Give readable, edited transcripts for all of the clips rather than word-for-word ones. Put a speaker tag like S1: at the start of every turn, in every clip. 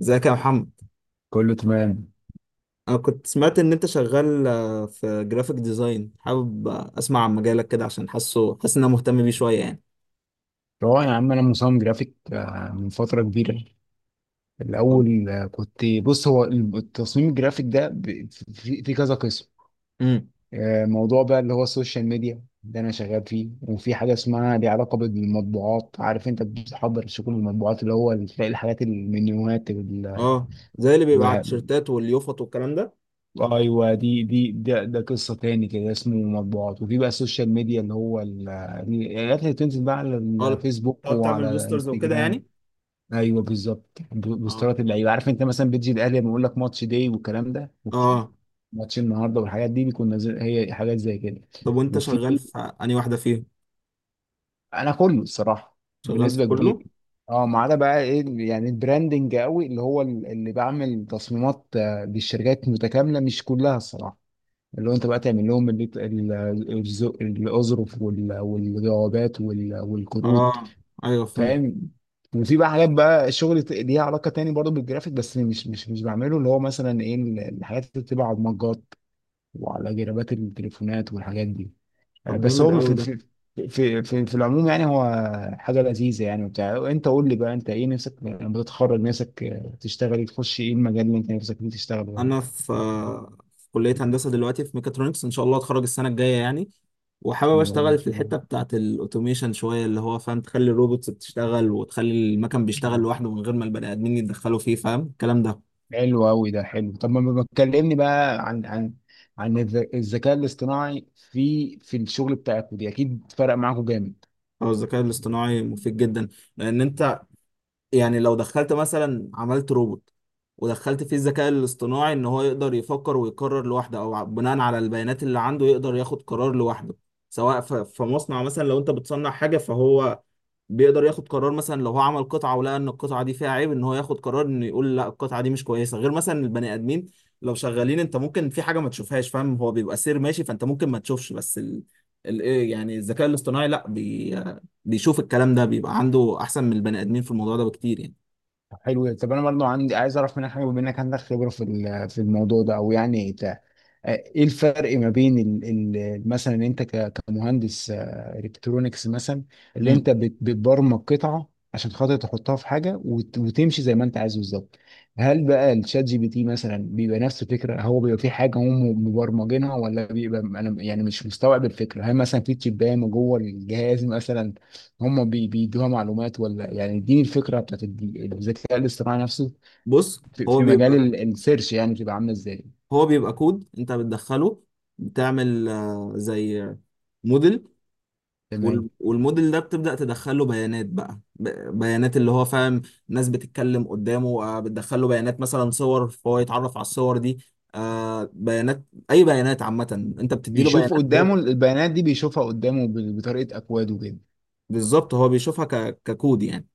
S1: ازيك يا محمد؟
S2: كله تمام.
S1: انا كنت سمعت ان انت شغال في جرافيك ديزاين، حابب اسمع عن مجالك كده عشان حاسس ان انا مهتم بيه شويه يعني.
S2: هو يا عم انا مصمم جرافيك، من فتره كبيره.
S1: طب.
S2: الاول، كنت بص، هو التصميم الجرافيك ده في كذا قسم.
S1: امم
S2: موضوع بقى اللي هو السوشيال ميديا ده انا شغال فيه، وفي حاجه اسمها، ليها علاقه بالمطبوعات، عارف انت بتحضر شغل المطبوعات، اللي هو تلاقي الحاجات المنيوهات
S1: اه، زي اللي بيبقى على
S2: وال...
S1: التيشيرتات واليوفط والكلام ده.
S2: ايوه، دي ده قصه تاني كده اسمه مطبوعات. وفي بقى السوشيال ميديا اللي هو الحاجات اللي بتنزل بقى على
S1: اه،
S2: الفيسبوك
S1: تقعد تعمل
S2: وعلى
S1: بوسترز وكده
S2: انستجرام.
S1: يعني.
S2: ايوه بالظبط،
S1: اه.
S2: بوسترات اللعيبه، عارف انت مثلا بتجي الاهلي لما يقول لك ماتش داي والكلام ده.
S1: اه.
S2: ماتش النهارده والحاجات دي بيكون نازل، هي حاجات زي كده.
S1: طب، وانت
S2: وفي،
S1: شغال في انهي واحده فيهم؟
S2: انا كله الصراحه
S1: شغال في
S2: بنسبه كبيره.
S1: كله؟
S2: اه، ما عدا بقى ايه يعني البراندنج قوي، اللي هو اللي بعمل تصميمات للشركات متكامله، مش كلها الصراحه. اللي هو انت بقى تعمل لهم الاظرف والجوابات والكروت.
S1: اه، ايوه، فهمت.
S2: فاهم. وفي بقى حاجات بقى شغل ليها علاقه تاني برضو بالجرافيك، بس مش بعمله، اللي هو مثلا ايه الحاجات اللي بتبقى على المجات وعلى جرابات التليفونات والحاجات دي.
S1: طب
S2: بس
S1: جامد
S2: هو
S1: قوي
S2: في
S1: ده.
S2: في في في, في العموم يعني، هو حاجه لذيذه يعني وبتاع. انت قول لي بقى، انت ايه نفسك لما تتخرج؟ نفسك تشتغل إيه؟ تخش ايه المجال اللي انت نفسك فيه تشتغل يعني؟
S1: انا في كليه هندسه دلوقتي، في ميكاترونكس، ان شاء الله اتخرج السنه الجايه يعني. وحابب
S2: اللي يا
S1: اشتغل في
S2: رب
S1: الحته بتاعه الاوتوميشن شويه، اللي هو فاهم تخلي الروبوتس بتشتغل وتخلي المكن بيشتغل
S2: تشتغله.
S1: لوحده من غير ما البني ادمين يتدخلوا فيه، فاهم الكلام ده؟
S2: حلو قوي ده، حلو. طب ما بتكلمني بقى عن الذكاء الاصطناعي في الشغل بتاعكم دي، اكيد فرق معاكم جامد.
S1: هو الذكاء الاصطناعي مفيد جدا، لان انت يعني لو دخلت مثلا عملت روبوت ودخلت فيه الذكاء الاصطناعي ان هو يقدر يفكر ويقرر لوحده او بناء على البيانات اللي عنده يقدر ياخد قرار لوحده، سواء في مصنع مثلا. لو انت بتصنع حاجه فهو بيقدر ياخد قرار، مثلا لو هو عمل قطعه ولقى ان القطعه دي فيها عيب ان هو ياخد قرار انه يقول لا، القطعه دي مش كويسه، غير مثلا البني ادمين لو شغالين انت ممكن في حاجه ما تشوفهاش، فاهم؟ هو بيبقى سير ماشي فانت ممكن ما تشوفش، بس إيه يعني الذكاء الاصطناعي لا بيشوف الكلام ده، بيبقى عنده احسن من البني ادمين في الموضوع ده بكتير يعني.
S2: طب حلو ده. طب انا برضه عندي، عايز اعرف منك حاجه بما انك عندك خبره في الموضوع ده. او يعني ايه الفرق ما بين مثلا انت كمهندس الكترونيكس مثلا، اللي
S1: مم.
S2: انت بتبرمج قطعه عشان خاطر تحطها في حاجه وتمشي زي ما انت عايز بالظبط. هل بقى الشات جي بي تي مثلا بيبقى نفس الفكره؟ هو بيبقى في حاجه هم مبرمجينها، ولا بيبقى انا يعني مش مستوعب الفكره. هل مثلا في تشيبان جوه الجهاز مثلا هم بيدوها معلومات؟ ولا يعني اديني الفكره بتاعت الذكاء الاصطناعي نفسه
S1: بص،
S2: في
S1: هو
S2: في مجال
S1: بيبقى
S2: السيرش، يعني بتبقى عامله ازاي؟
S1: هو بيبقى كود انت بتدخله. بتعمل زي موديل.
S2: تمام.
S1: والموديل ده بتبدأ تدخله بيانات بقى، بيانات اللي هو فاهم. ناس بتتكلم قدامه، بتدخله بيانات مثلا صور فهو يتعرف على الصور دي. بيانات، أي بيانات عامة أنت بتديله
S2: بيشوف
S1: بيانات. هو
S2: قدامه البيانات دي، بيشوفها قدامه بطريقة أكواد وكده.
S1: بالظبط، هو بيشوفها ككود يعني.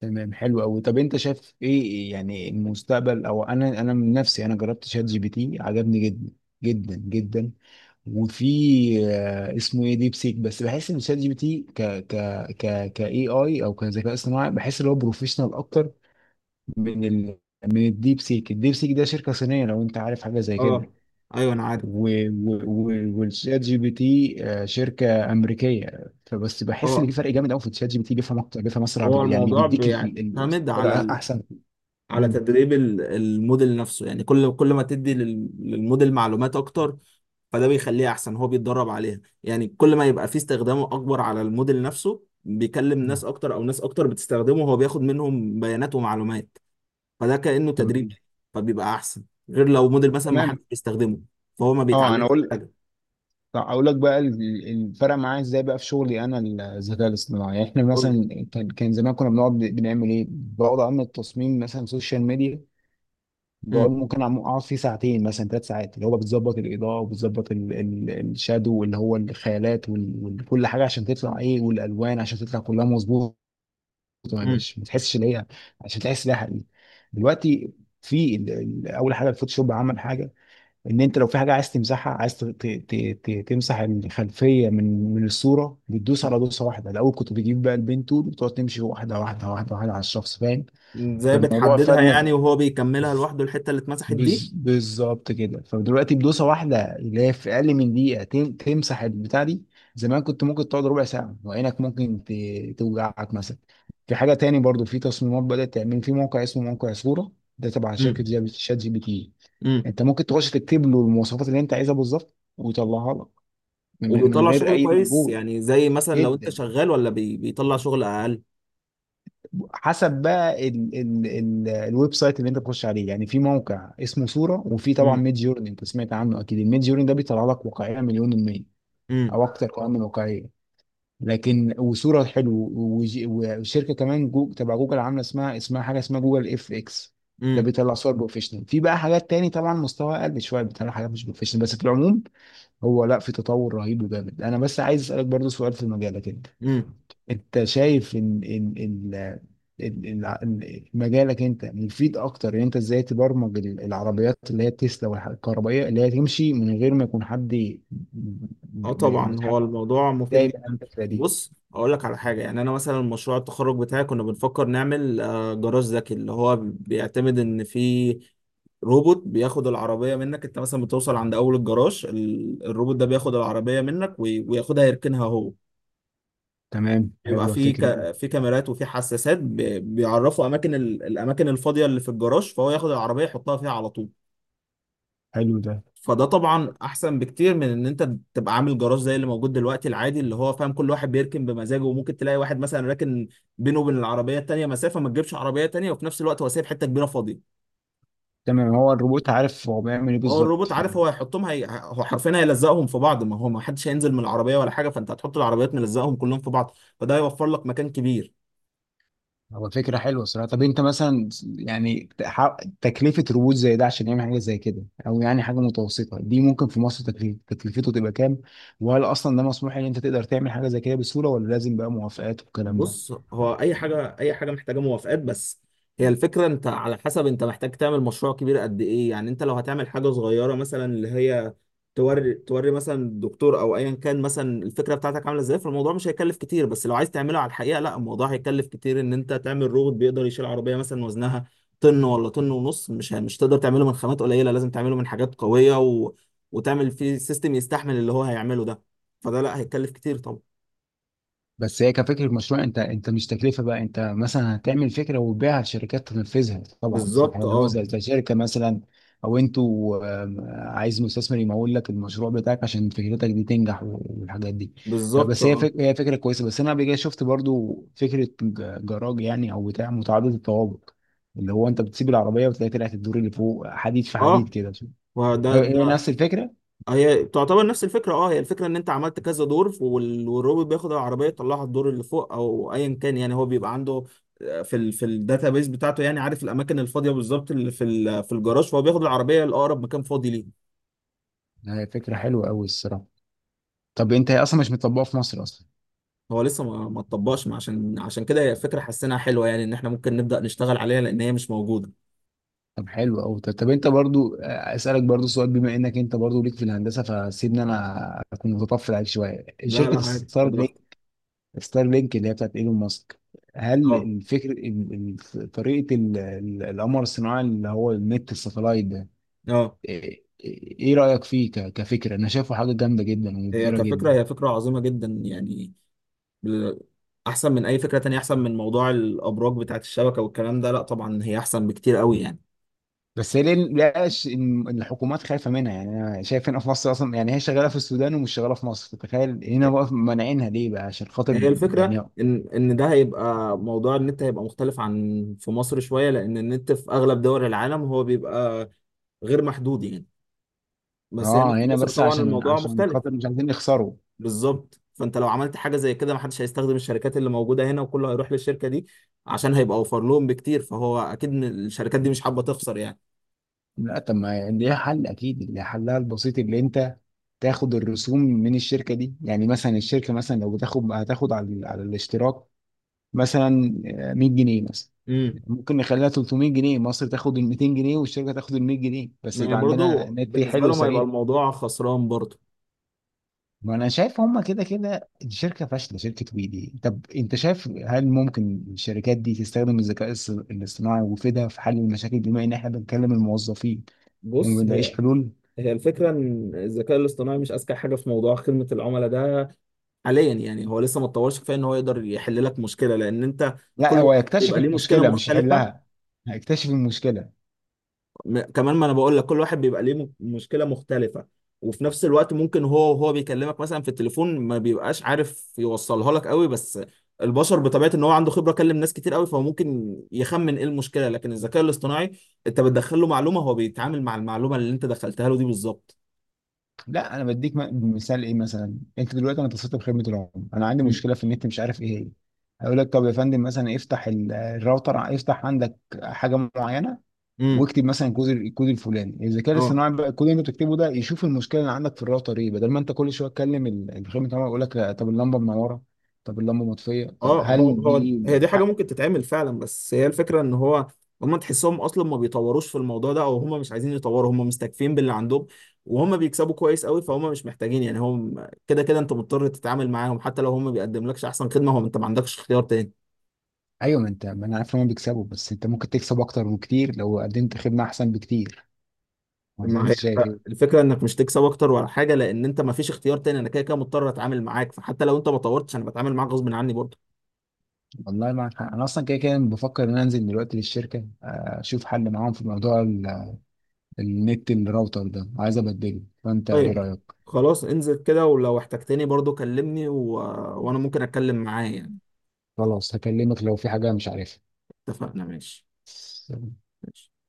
S2: تمام، حلو أوي. طب أنت شايف إيه يعني المستقبل؟ أو أنا من نفسي، أنا جربت شات جي بي تي، عجبني جدا جدا جدا. وفي، اسمه إيه، ديب سيك. بس بحس إن شات جي بي تي ك إي آي، أو كذكاء اصطناعي، بحس إن هو بروفيشنال أكتر من ال من الديب سيك. الديب سيك ده شركة صينية، لو أنت عارف حاجة زي
S1: اه،
S2: كده.
S1: أيوه أنا عارف.
S2: والشات جي بي تي شركه امريكيه. فبس بحس ان
S1: هو
S2: في فرق جامد قوي، في الشات جي بي تي بيفهم اكتر، بيفهم اسرع،
S1: هو
S2: يعني
S1: الموضوع
S2: بيديك
S1: بيعتمد
S2: الطريقة
S1: على
S2: احسن.
S1: على
S2: مم.
S1: تدريب الموديل نفسه يعني، كل ما تدي للموديل معلومات أكتر. فده بيخليه احسن، هو بيتدرب عليها يعني. كل ما يبقى فيه استخدامه اكبر على الموديل نفسه، بيكلم
S2: مم.
S1: ناس اكتر او ناس اكتر بتستخدمه، هو بياخد منهم بيانات ومعلومات. فده كأنه تدريب،
S2: تمام.
S1: فبيبقى احسن. غير لو موديل مثلا ما حدش
S2: تمام.
S1: بيستخدمه فهو ما
S2: اه انا
S1: بيتعلمش
S2: اقول،
S1: حاجه.
S2: طب اقول لك بقى الفرق معايا ازاي بقى في شغلي انا؟ الذكاء الاصطناعي، يعني احنا
S1: قول لي.
S2: مثلا كان زمان كنا بنقعد بنعمل ايه؟ بقعد اعمل تصميم مثلا سوشيال ميديا. بقعد
S1: امم
S2: ممكن اقعد فيه ساعتين مثلا، ثلاث ساعات، اللي هو بتظبط الاضاءه وبتظبط الشادو اللي هو الخيالات وكل حاجه عشان تطلع ايه، والالوان عشان تطلع كلها مظبوطه، ما
S1: امم
S2: يبقاش، ما تحسش ان هي، عشان تحس انها حقيقي. دلوقتي في، اول حاجه الفوتوشوب عمل حاجه، ان انت لو في حاجه عايز تمسحها، عايز تمسح الخلفيه من الصوره، بتدوس على دوسه واحده. الاول كنت بتجيب بقى البين تول وتقعد تمشي واحده على الشخص، فاهم؟
S1: ازاي
S2: فالموضوع
S1: بتحددها
S2: فادنا
S1: يعني وهو بيكملها لوحده الحته اللي اتمسحت دي؟
S2: بالظبط كده. فدلوقتي بدوسه واحده، اللي هي في اقل من دقيقه تمسح البتاع دي. زمان كنت ممكن تقعد ربع ساعه وعينك ممكن توجعك مثلا. في حاجه تاني برضو في تصميمات، بدات تعمل في موقع اسمه موقع صوره، ده تبع شركه
S1: امم
S2: شات جي بي تي.
S1: امم
S2: انت ممكن تخش تكتب له المواصفات اللي انت عايزها بالظبط ويطلعها لك من
S1: وبيطلع
S2: غير
S1: شغل
S2: اي
S1: كويس
S2: مجهود.
S1: يعني زي مثلا لو انت
S2: جدا.
S1: شغال، ولا بيطلع شغل اقل؟
S2: حسب بقى ال الويب سايت اللي انت بتخش عليه يعني. في موقع اسمه صورة، وفي طبعا
S1: امم،
S2: ميد جورني، انت سمعت عنه اكيد. الميد جورني ده بيطلع لك واقعية مليون المية
S1: امم،
S2: او اكتر، كمان من واقعية. لكن وصورة حلو، وشركة كمان جو تبع جوجل عاملة اسمها، اسمها حاجة اسمها جوجل اف اكس. ده بيطلع صور بروفيشنال. في بقى حاجات تاني طبعا مستوى اقل شوية، بيطلع حاجات مش بروفيشنال. بس في العموم هو، لا، في تطور رهيب وجامد. انا بس عايز اسألك برضو سؤال في المجال ده كده،
S1: امم،
S2: انت شايف ان ان ال- ال- مجالك انت مفيد اكتر؟ ان انت ازاي تبرمج العربيات اللي هي التسلا والكهربائيه، اللي هي تمشي من غير ما يكون حد
S1: اه، طبعا هو
S2: متحكم؟
S1: الموضوع مفيد
S2: ازاي بقى
S1: جدا.
S2: الفكره دي؟
S1: بص، اقول لك على حاجه يعني. انا مثلا مشروع التخرج بتاعي كنا بنفكر نعمل جراج ذكي، اللي هو بيعتمد ان في روبوت بياخد العربيه منك. انت مثلا بتوصل عند اول الجراج، الروبوت ده بياخد العربيه منك وياخدها يركنها هو.
S2: تمام،
S1: يبقى
S2: حلوه
S1: في
S2: الفكره دي.
S1: في كاميرات وفي حساسات بيعرفوا اماكن الاماكن الفاضيه اللي في الجراج، فهو ياخد العربيه يحطها فيها على طول.
S2: حلو ده.
S1: فده طبعا احسن بكتير من ان انت تبقى عامل جراج زي اللي موجود دلوقتي العادي، اللي هو فاهم كل واحد بيركن بمزاجه، وممكن تلاقي واحد مثلا راكن بينه وبين العربيه التانيه مسافه ما تجيبش عربيه تانيه، وفي نفس الوقت هو سايب حته كبيره فاضيه.
S2: تمام. هو الروبوت عارف هو بيعمل ايه
S1: هو الروبوت
S2: بالظبط؟
S1: عارف هو هيحطهم، هو حرفيا هيلزقهم في بعض، ما هو ما حدش هينزل من العربيه ولا حاجه، فانت هتحط العربيات ملزقهم كلهم في بعض، فده هيوفر لك مكان كبير.
S2: هو فكرة حلوة الصراحة. طب انت مثلا، يعني تكلفة روبوت زي ده عشان يعمل حاجة زي كده، او يعني حاجة متوسطة دي، ممكن في مصر تكليف تكلفته تبقى كام؟ وهل اصلا ده مسموح ان انت تقدر تعمل حاجة زي كده بسهولة، ولا لازم بقى موافقات والكلام ده؟
S1: بص، هو اي حاجه، اي حاجه محتاجه موافقات بس. هي الفكره، انت على حسب انت محتاج تعمل مشروع كبير قد ايه يعني. انت لو هتعمل حاجه صغيره مثلا، اللي هي توري توري مثلا الدكتور او ايا كان مثلا الفكره بتاعتك عامله ازاي، فالموضوع مش هيكلف كتير. بس لو عايز تعمله على الحقيقه، لا، الموضوع هيكلف كتير، ان انت تعمل روبوت بيقدر يشيل عربيه مثلا وزنها طن ولا طن ونص، مش تقدر تعمله من خامات قليله، لازم تعمله من حاجات قويه وتعمل فيه سيستم يستحمل اللي هو هيعمله ده. فده لا، هيكلف كتير طبعا.
S2: بس هي كفكرة مشروع، انت مش تكلفة بقى. انت مثلا هتعمل فكرة وتبيعها لشركات تنفذها طبعا، صح
S1: بالظبط،
S2: يعني، هو
S1: اه.
S2: زي شركة مثلا، او انتوا عايز مستثمر يمول لك المشروع بتاعك عشان فكرتك دي تنجح والحاجات دي. لا
S1: بالظبط،
S2: بس
S1: اه.
S2: هي فكرة كويسة. بس انا قبل كده شفت برضو فكرة جراج يعني، او بتاع متعدد الطوابق، اللي هو انت بتسيب العربية وتلاقي طلعت الدور اللي فوق، حديد في حديد
S1: اه،
S2: كده.
S1: وده
S2: هي هي نفس الفكرة.
S1: هي تعتبر نفس الفكره، اه. هي الفكره ان انت عملت كذا دور، والروبوت بياخد العربيه يطلعها الدور اللي فوق او ايا كان يعني، هو بيبقى عنده في الداتابيز بتاعته يعني، عارف الاماكن الفاضيه بالظبط اللي في الجراج، فهو بياخد العربيه لاقرب مكان فاضي ليه.
S2: هي فكرة حلوة قوي الصراحة. طب انت، هي اصلا مش مطبقة في مصر اصلا؟
S1: هو لسه ما ما اتطبقش، ما عشان كده هي فكره حسيناها حلوه يعني، ان احنا ممكن نبدا نشتغل عليها لان هي مش موجوده.
S2: طب حلو قوي. طب, طب انت برضو اسالك برضو سؤال، بما انك انت برضو ليك في الهندسه، فسيبني انا اكون متطفل عليك شويه.
S1: لا،
S2: شركه
S1: لا، عادي،
S2: ستار
S1: خد
S2: لينك،
S1: راحتك.
S2: ستار لينك اللي هي بتاعت ايلون ماسك، هل
S1: اه،
S2: الفكر طريقه القمر الصناعي اللي هو النت الساتلايت ده،
S1: اه،
S2: ايه ايه رايك فيه كفكره؟ انا شايفه حاجه جامده جدا
S1: هي
S2: ومبهره
S1: كفكره،
S2: جدا.
S1: هي فكره عظيمه جدا يعني. بال- احسن من اي فكره تانية، احسن من موضوع الابراج بتاعت الشبكه والكلام ده، لا طبعا هي احسن بكتير قوي يعني.
S2: بس هي ليه لقاش ان الحكومات خايفه منها يعني؟ انا شايف هنا في مصر اصلا يعني، هي شغاله في السودان ومش شغاله في مصر، تخيل. هنا بقى مانعينها ليه بقى عشان خاطر
S1: هي
S2: يعني؟
S1: الفكرة إن ده هيبقى موضوع النت هيبقى مختلف عن في مصر شوية، لأن النت في أغلب دول العالم هو بيبقى غير محدود يعني. بس هنا
S2: اه،
S1: في
S2: هنا
S1: مصر
S2: بس
S1: طبعا
S2: عشان
S1: الموضوع
S2: عشان
S1: مختلف.
S2: خاطر مش عايزين يخسروا.
S1: بالظبط، فأنت لو عملت حاجة زي كده محدش هيستخدم الشركات اللي موجودة هنا، وكله هيروح للشركة دي، عشان هيبقى أوفر لهم بكتير، فهو أكيد الشركات دي مش حابة تخسر يعني.
S2: لا طب ما ليها حل، اكيد ليها حلها البسيط، اللي انت تاخد الرسوم من الشركه دي يعني. مثلا الشركه، مثلا لو بتاخد، هتاخد على على الاشتراك مثلا 100 جنيه مثلا.
S1: امم
S2: ممكن نخليها 300 جنيه، مصر تاخد ال 200 جنيه والشركه تاخد ال 100 جنيه، بس
S1: ما هي
S2: يبقى عندنا
S1: برضه
S2: نت
S1: بالنسبة
S2: حلو
S1: لهم هيبقى
S2: وسريع.
S1: الموضوع خسران برضه.
S2: ما انا شايف هما كده كده الشركه فاشله شركه ويدي. طب انت شايف هل ممكن الشركات دي تستخدم الذكاء الاصطناعي ويفيدها في حل المشاكل، بما ان احنا بنكلم الموظفين وما
S1: بص،
S2: بنلاقيش حلول؟
S1: هي الفكرة إن الذكاء الاصطناعي مش أذكى حاجة في موضوع خدمة العملاء ده حاليا يعني، هو لسه ما اتطورش كفايه إن هو يقدر يحل لك مشكلة، لأن أنت
S2: لا
S1: كل
S2: هو
S1: واحد
S2: يكتشف
S1: بيبقى ليه مشكلة
S2: المشكله مش
S1: مختلفة.
S2: يحلها. هيكتشف المشكله.
S1: كمان، ما انا بقول لك كل واحد بيبقى ليه مشكله مختلفه، وفي نفس الوقت ممكن هو وهو بيكلمك مثلا في التليفون ما بيبقاش عارف يوصلها لك قوي. بس البشر بطبيعه ان هو عنده خبره، كلم ناس كتير قوي، فهو ممكن يخمن ايه المشكله. لكن الذكاء الاصطناعي انت بتدخل له معلومه، هو بيتعامل مع المعلومه اللي انت دخلتها له دي بالظبط.
S2: لا انا بديك مثال ايه مثلا. انت دلوقتي، انا اتصلت بخدمه العملاء، انا عندي
S1: مم.
S2: مشكله في النت مش عارف ايه هي. هيقول لك طب يا فندم مثلا افتح الراوتر، افتح عندك حاجه معينه،
S1: امم،
S2: واكتب مثلا الكود. الكود الفلاني الذكاء
S1: اه،
S2: الاصطناعي بقى، الكود اللي انت بتكتبه ده يشوف المشكله اللي عندك في الراوتر ايه، بدل ما انت كل شويه تكلم الخدمه العملاء، يقول لك لا، طب اللمبه منوره، طب اللمبه مطفيه، طب
S1: اه. هو
S2: هل دي
S1: هو هي
S2: ايه
S1: دي حاجة
S2: حق.
S1: ممكن تتعمل فعلا، بس هي الفكرة ان هو، هم تحسهم اصلا ما بيطوروش في الموضوع ده، او هم مش عايزين يطوروا، هم مستكفين باللي عندهم، وهم بيكسبوا كويس قوي، فهم مش محتاجين يعني. هم كده كده انت مضطر تتعامل معاهم حتى لو هم بيقدم لكش احسن خدمة، هو انت ما عندكش اختيار تاني.
S2: ايوه، ما انت، ما انا عارف ان هم بيكسبوا. بس انت ممكن تكسب اكتر بكتير لو قدمت خدمه احسن بكتير، ولا
S1: ما
S2: انت
S1: هي
S2: شايف ايه؟
S1: الفكرة انك مش تكسب اكتر ولا حاجة، لان انت ما فيش اختيار تاني، انا كده كده مضطر اتعامل معاك، فحتى لو انت ما طورتش انا بتعامل معاك غصب عني برضه.
S2: والله معك حق. انا اصلا كده كده بفكر ان أنا انزل دلوقتي للشركه، اشوف حل معاهم في موضوع النت. الراوتر ده عايز ابدله، فانت ايه
S1: طيب،
S2: رايك؟
S1: خلاص، انزل كده، ولو احتجتني برضه كلمني وانا ممكن اتكلم معاه يعني.
S2: خلاص هكلمك لو في حاجه مش
S1: اتفقنا، ماشي.
S2: عارفها.
S1: ماشي.